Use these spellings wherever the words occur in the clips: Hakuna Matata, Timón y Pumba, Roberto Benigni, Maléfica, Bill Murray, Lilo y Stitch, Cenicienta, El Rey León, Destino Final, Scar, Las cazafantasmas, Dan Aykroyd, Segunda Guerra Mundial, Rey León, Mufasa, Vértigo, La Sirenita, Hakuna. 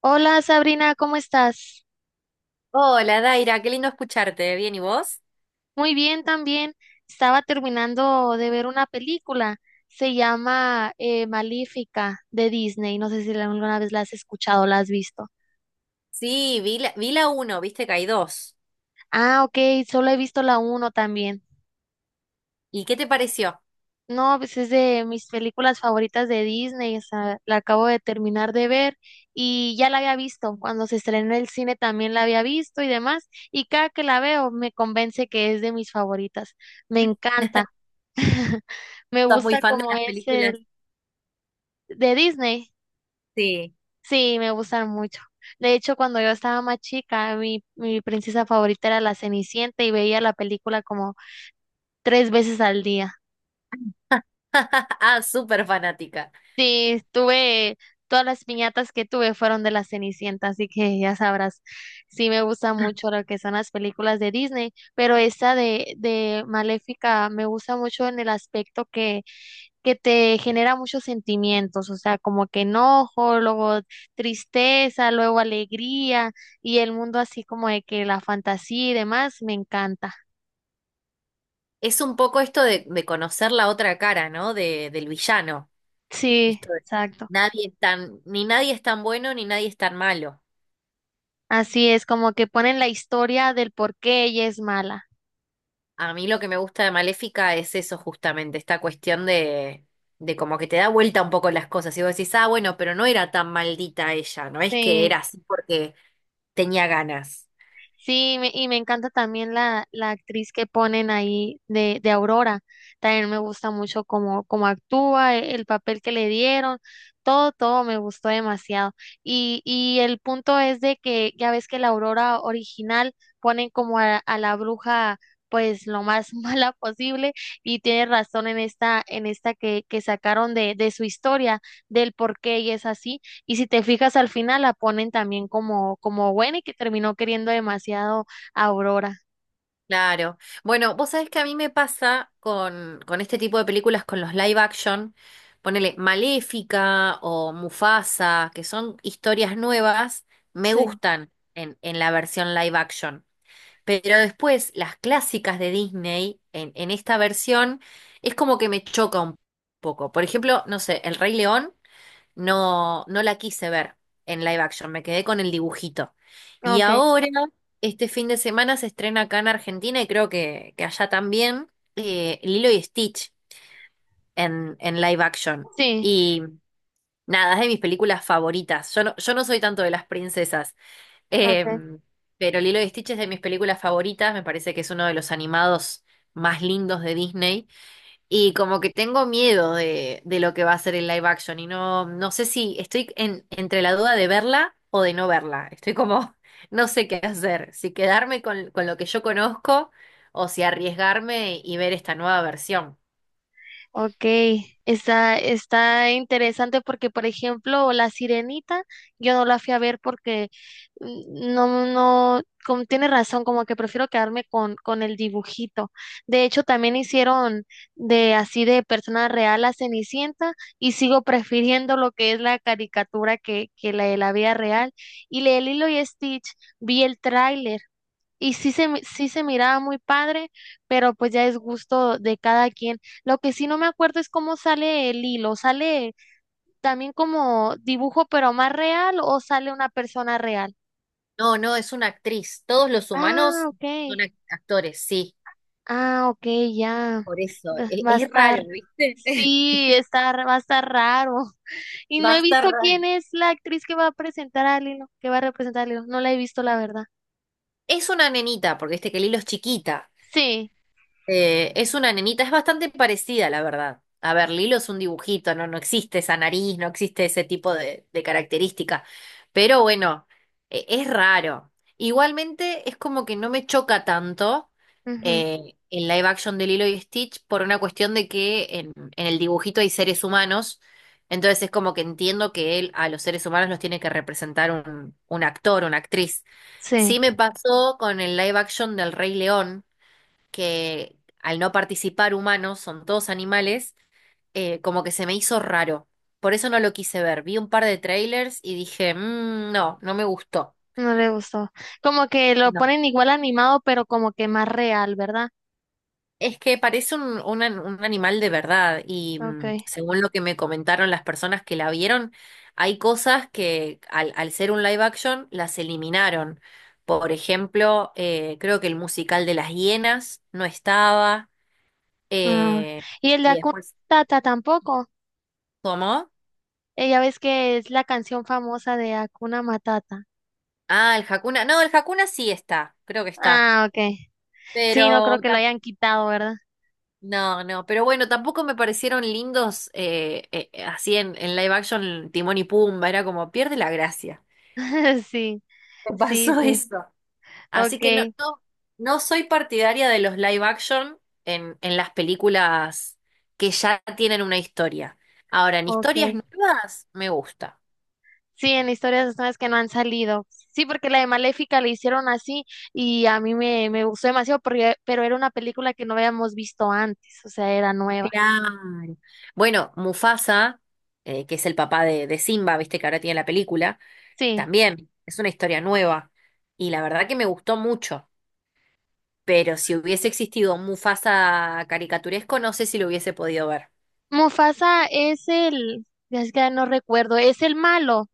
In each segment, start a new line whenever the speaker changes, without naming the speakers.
Hola, Sabrina, ¿cómo estás?
Hola, Daira, qué lindo escucharte. ¿Bien y vos?
Muy bien también. Estaba terminando de ver una película. Se llama Maléfica de Disney. No sé si alguna vez la has escuchado o la has visto.
Sí, vi la uno, viste que hay dos.
Ah, ok, solo he visto la uno también.
¿Y qué te pareció?
No, pues es de mis películas favoritas de Disney. O sea, la acabo de terminar de ver y ya la había visto. Cuando se estrenó en el cine también la había visto y demás. Y cada que la veo me convence que es de mis favoritas. Me
¿Sos
encanta. Me
muy
gusta
fan de
como
las
es
películas?
el de Disney.
Sí.
Sí, me gustan mucho. De hecho, cuando yo estaba más chica, mi princesa favorita era la Cenicienta y veía la película como tres veces al día.
Ah, súper fanática.
Sí, tuve, todas las piñatas que tuve fueron de la Cenicienta, así que ya sabrás. Sí, me gusta mucho lo que son las películas de Disney, pero esta de Maléfica me gusta mucho en el aspecto que te genera muchos sentimientos, o sea, como que enojo, luego tristeza, luego alegría y el mundo así como de que la fantasía y demás, me encanta.
Es un poco esto de conocer la otra cara, ¿no? Del villano.
Sí,
Esto de
exacto.
nadie es tan, ni nadie es tan bueno ni nadie es tan malo.
Así es, como que ponen la historia del por qué ella es mala.
A mí lo que me gusta de Maléfica es eso justamente, esta cuestión de como que te da vuelta un poco las cosas. Y vos decís, ah, bueno, pero no era tan maldita ella, no es que era
Sí.
así porque tenía ganas.
Sí, y me encanta también la actriz que ponen ahí de Aurora. También me gusta mucho cómo actúa, el papel que le dieron, todo me gustó demasiado. Y el punto es de que ya ves que la Aurora original ponen como a la bruja pues lo más mala posible y tiene razón en esta que sacaron de su historia, del por qué ella es así. Y si te fijas al final la ponen también como, como Gwen y que terminó queriendo demasiado a Aurora.
Claro. Bueno, vos sabés que a mí me pasa con este tipo de películas, con los live action, ponele Maléfica o Mufasa, que son historias nuevas, me
Sí,
gustan en la versión live action. Pero después, las clásicas de Disney, en esta versión, es como que me choca un poco. Por ejemplo, no sé, El Rey León. No, no la quise ver en live action, me quedé con el dibujito. Y
ok,
ahora, este fin de semana se estrena acá en Argentina y creo que allá también, Lilo y Stitch en live action.
sí,
Y nada, es de mis películas favoritas. Yo no soy tanto de las princesas, eh,
ok.
pero Lilo y Stitch es de mis películas favoritas, me parece que es uno de los animados más lindos de Disney. Y como que tengo miedo de lo que va a ser el live action y no, no sé si estoy en, entre la duda de verla o de no verla. Estoy como, no sé qué hacer, si quedarme con lo que yo conozco o si arriesgarme y ver esta nueva versión.
Ok, está, está interesante porque, por ejemplo, La Sirenita, yo no la fui a ver porque no, no, como tiene razón, como que prefiero quedarme con el dibujito. De hecho, también hicieron de así de persona real a Cenicienta y sigo prefiriendo lo que es la caricatura que la de la vida real. Y la de Lilo y Stitch, vi el tráiler y sí se miraba muy padre, pero pues ya es gusto de cada quien. Lo que sí no me acuerdo es cómo sale el hilo. ¿Sale también como dibujo pero más real o sale una persona real?
No, no, es una actriz. Todos los
Ah,
humanos
ok.
son actores, sí.
Ah, ok, ya.
Por eso,
Va a
es, raro,
estar,
¿viste?
sí, está, va a estar raro. Y no
Va a
he
estar
visto
raro.
quién es la actriz que va a presentar al hilo, que va a representar al hilo. No la he visto, la verdad.
Es una nenita, porque este que Lilo es chiquita.
Sí,
Es una nenita, es bastante parecida, la verdad. A ver, Lilo es un dibujito, no, no existe esa nariz, no existe ese tipo de característica. Pero bueno, es raro. Igualmente es como que no me choca tanto
ujú,
el live action de Lilo y Stitch por una cuestión de que en el dibujito hay seres humanos. Entonces es como que entiendo que él a los seres humanos los tiene que representar un actor, una actriz.
sí.
Sí me pasó con el live action del Rey León que al no participar humanos, son todos animales, como que se me hizo raro. Por eso no lo quise ver. Vi un par de trailers y dije, "Mm, no, no me gustó.
No le gustó. Como que lo
No.
ponen igual animado, pero como que más real, ¿verdad?
Es que parece un, un animal de verdad y mm,
Okay.
según lo que me comentaron las personas que la vieron, hay cosas que al ser un live action las eliminaron. Por ejemplo, creo que el musical de las hienas no estaba
Ah.
eh,
Y el de
y
Hakuna
después...
Matata tampoco.
¿Cómo?
Ella ves que es la canción famosa de Hakuna Matata.
Ah, el Hakuna. No, el Hakuna sí está, creo que está.
Ah, okay. Sí, no
Pero
creo que lo
tam-
hayan quitado, ¿verdad?
no, no, pero bueno, tampoco me parecieron lindos así en live action Timón y Pumba, era como pierde la gracia.
Sí,
Me
sí,
pasó
sí.
eso. Así que no,
Okay,
no, no soy partidaria de los live action en las películas que ya tienen una historia. Ahora, en historias
okay.
nuevas me gusta.
Sí, en historias de nuevas que no han salido. Sí, porque la de Maléfica la hicieron así y a mí me gustó demasiado, pero era una película que no habíamos visto antes, o sea, era nueva.
Claro. Bueno, Mufasa, que es el papá de Simba, viste que ahora tiene la película.
Sí.
También es una historia nueva y la verdad que me gustó mucho, pero si hubiese existido un Mufasa caricaturesco, no sé si lo hubiese podido ver.
Mufasa es el, ya es que no recuerdo, es el malo,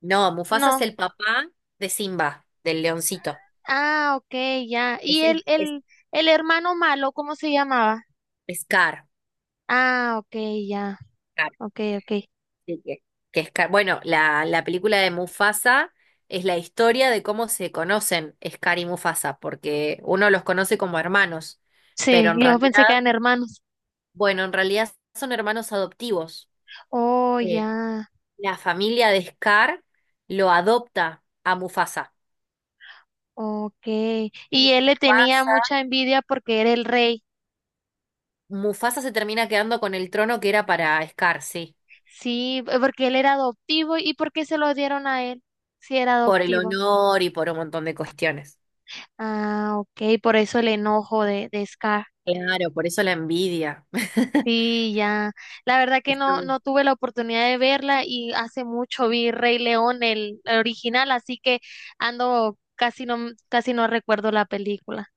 No, Mufasa es
no.
el papá de Simba, del leoncito.
Ah, ok, ya. ¿Y
Es el es,
el hermano malo, cómo se llamaba?
Scar.
Ah, ok, ya.
Scar,
Ok, ok.
sí, que, bueno, la película de Mufasa es la historia de cómo se conocen Scar y Mufasa, porque uno los conoce como hermanos, pero
Sí,
en
yo pensé que
realidad,
eran hermanos.
bueno, en realidad son hermanos adoptivos.
Oh,
eh,
ya.
La familia de Scar lo adopta a Mufasa.
Ok.
Y
Y él le tenía
Mufasa.
mucha envidia porque era el rey.
Mufasa se termina quedando con el trono que era para Scar, sí.
Sí, porque él era adoptivo y porque se lo dieron a él. Si era
Por el
adoptivo.
honor y por un montón de cuestiones.
Ah, ok, por eso el enojo de Scar.
Claro, por eso la envidia.
Sí, ya. La verdad que
Está.
no, no tuve la oportunidad de verla y hace mucho vi Rey León, el original, así que ando casi no recuerdo la película.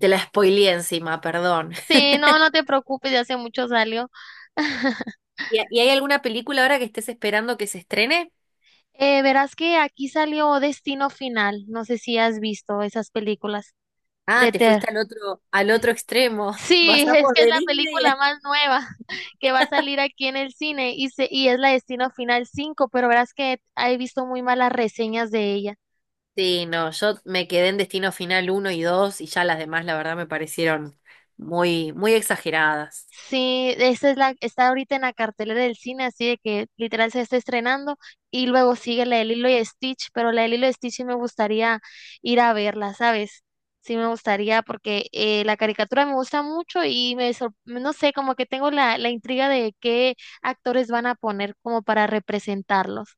Te la spoileé encima, perdón.
Sí, no, no te preocupes, ya hace mucho salió.
Y hay alguna película ahora que estés esperando que se estrene?
Verás que aquí salió Destino Final. No sé si has visto esas películas
Ah,
de
te
Ter.
fuiste al otro extremo.
Sí, es
Pasamos
que es
de
la
Disney.
película más nueva que va a salir aquí en el cine y es la Destino Final 5, pero verás que he visto muy malas reseñas de ella.
Sí, no, yo me quedé en Destino Final uno y 2 y ya las demás, la verdad, me parecieron muy, muy exageradas.
Sí, esta es la, está ahorita en la cartelera del cine, así de que literal se está estrenando y luego sigue la de Lilo y Stitch, pero la de Lilo y Stitch sí me gustaría ir a verla, ¿sabes? Sí me gustaría porque la caricatura me gusta mucho y no sé, como que tengo la intriga de qué actores van a poner como para representarlos.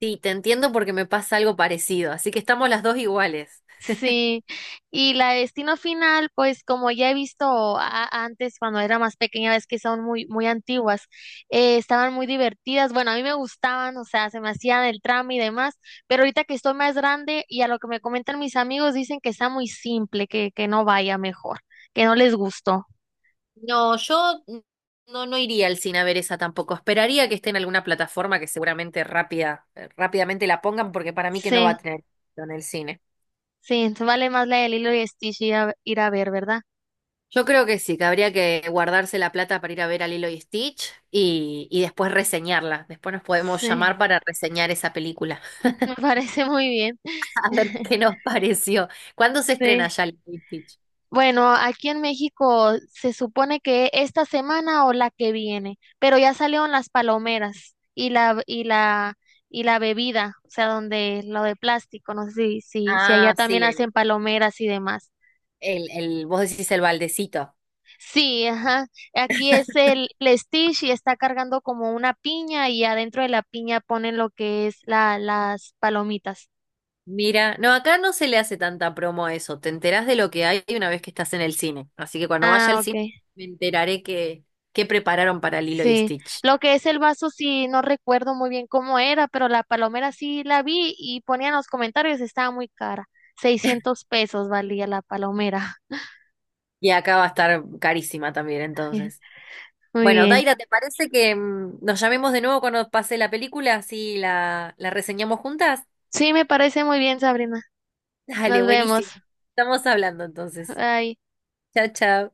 Sí, te entiendo porque me pasa algo parecido, así que estamos las dos iguales.
Sí, y la de Destino Final, pues como ya he visto antes cuando era más pequeña, ves que son muy, muy antiguas, estaban muy divertidas, bueno, a mí me gustaban, o sea, se me hacían el trama y demás, pero ahorita que estoy más grande y a lo que me comentan mis amigos dicen que está muy simple, que no vaya mejor, que no les gustó.
No, yo no, no iría al cine a ver esa tampoco. Esperaría que esté en alguna plataforma que seguramente rápidamente la pongan porque para mí que no va a
Sí,
tener éxito en el cine.
sí, entonces vale más la de Lilo y Stitch ir ir a ver, ¿verdad?
Yo creo que sí, que habría que guardarse la plata para ir a ver a Lilo y Stitch y después reseñarla. Después nos podemos llamar
Sí,
para reseñar esa película.
me parece muy bien.
A ver qué nos pareció. ¿Cuándo se estrena
Sí.
ya el Stitch?
Bueno, aquí en México se supone que esta semana o la que viene, pero ya salieron las palomeras y la bebida, o sea, donde lo de plástico, no sé si allá
Ah,
también
sí,
hacen palomeras y demás.
vos decís el baldecito.
Sí, ajá. Aquí es el Stitch y está cargando como una piña y adentro de la piña ponen lo que es la las palomitas.
Mira, no, acá no se le hace tanta promo a eso. Te enterás de lo que hay una vez que estás en el cine. Así que cuando vaya
Ah,
al
ok.
cine me enteraré que prepararon para Lilo y
Sí,
Stitch.
lo que es el vaso sí no recuerdo muy bien cómo era, pero la palomera sí la vi y ponían los comentarios, estaba muy cara. 600 pesos valía la palomera.
Y acá va a estar carísima también, entonces.
Muy
Bueno,
bien.
Daira, ¿te parece que nos llamemos de nuevo cuando pase la película? Así la reseñamos juntas.
Sí, me parece muy bien, Sabrina.
Dale,
Nos vemos.
buenísimo. Estamos hablando entonces.
Bye.
Chao, chao.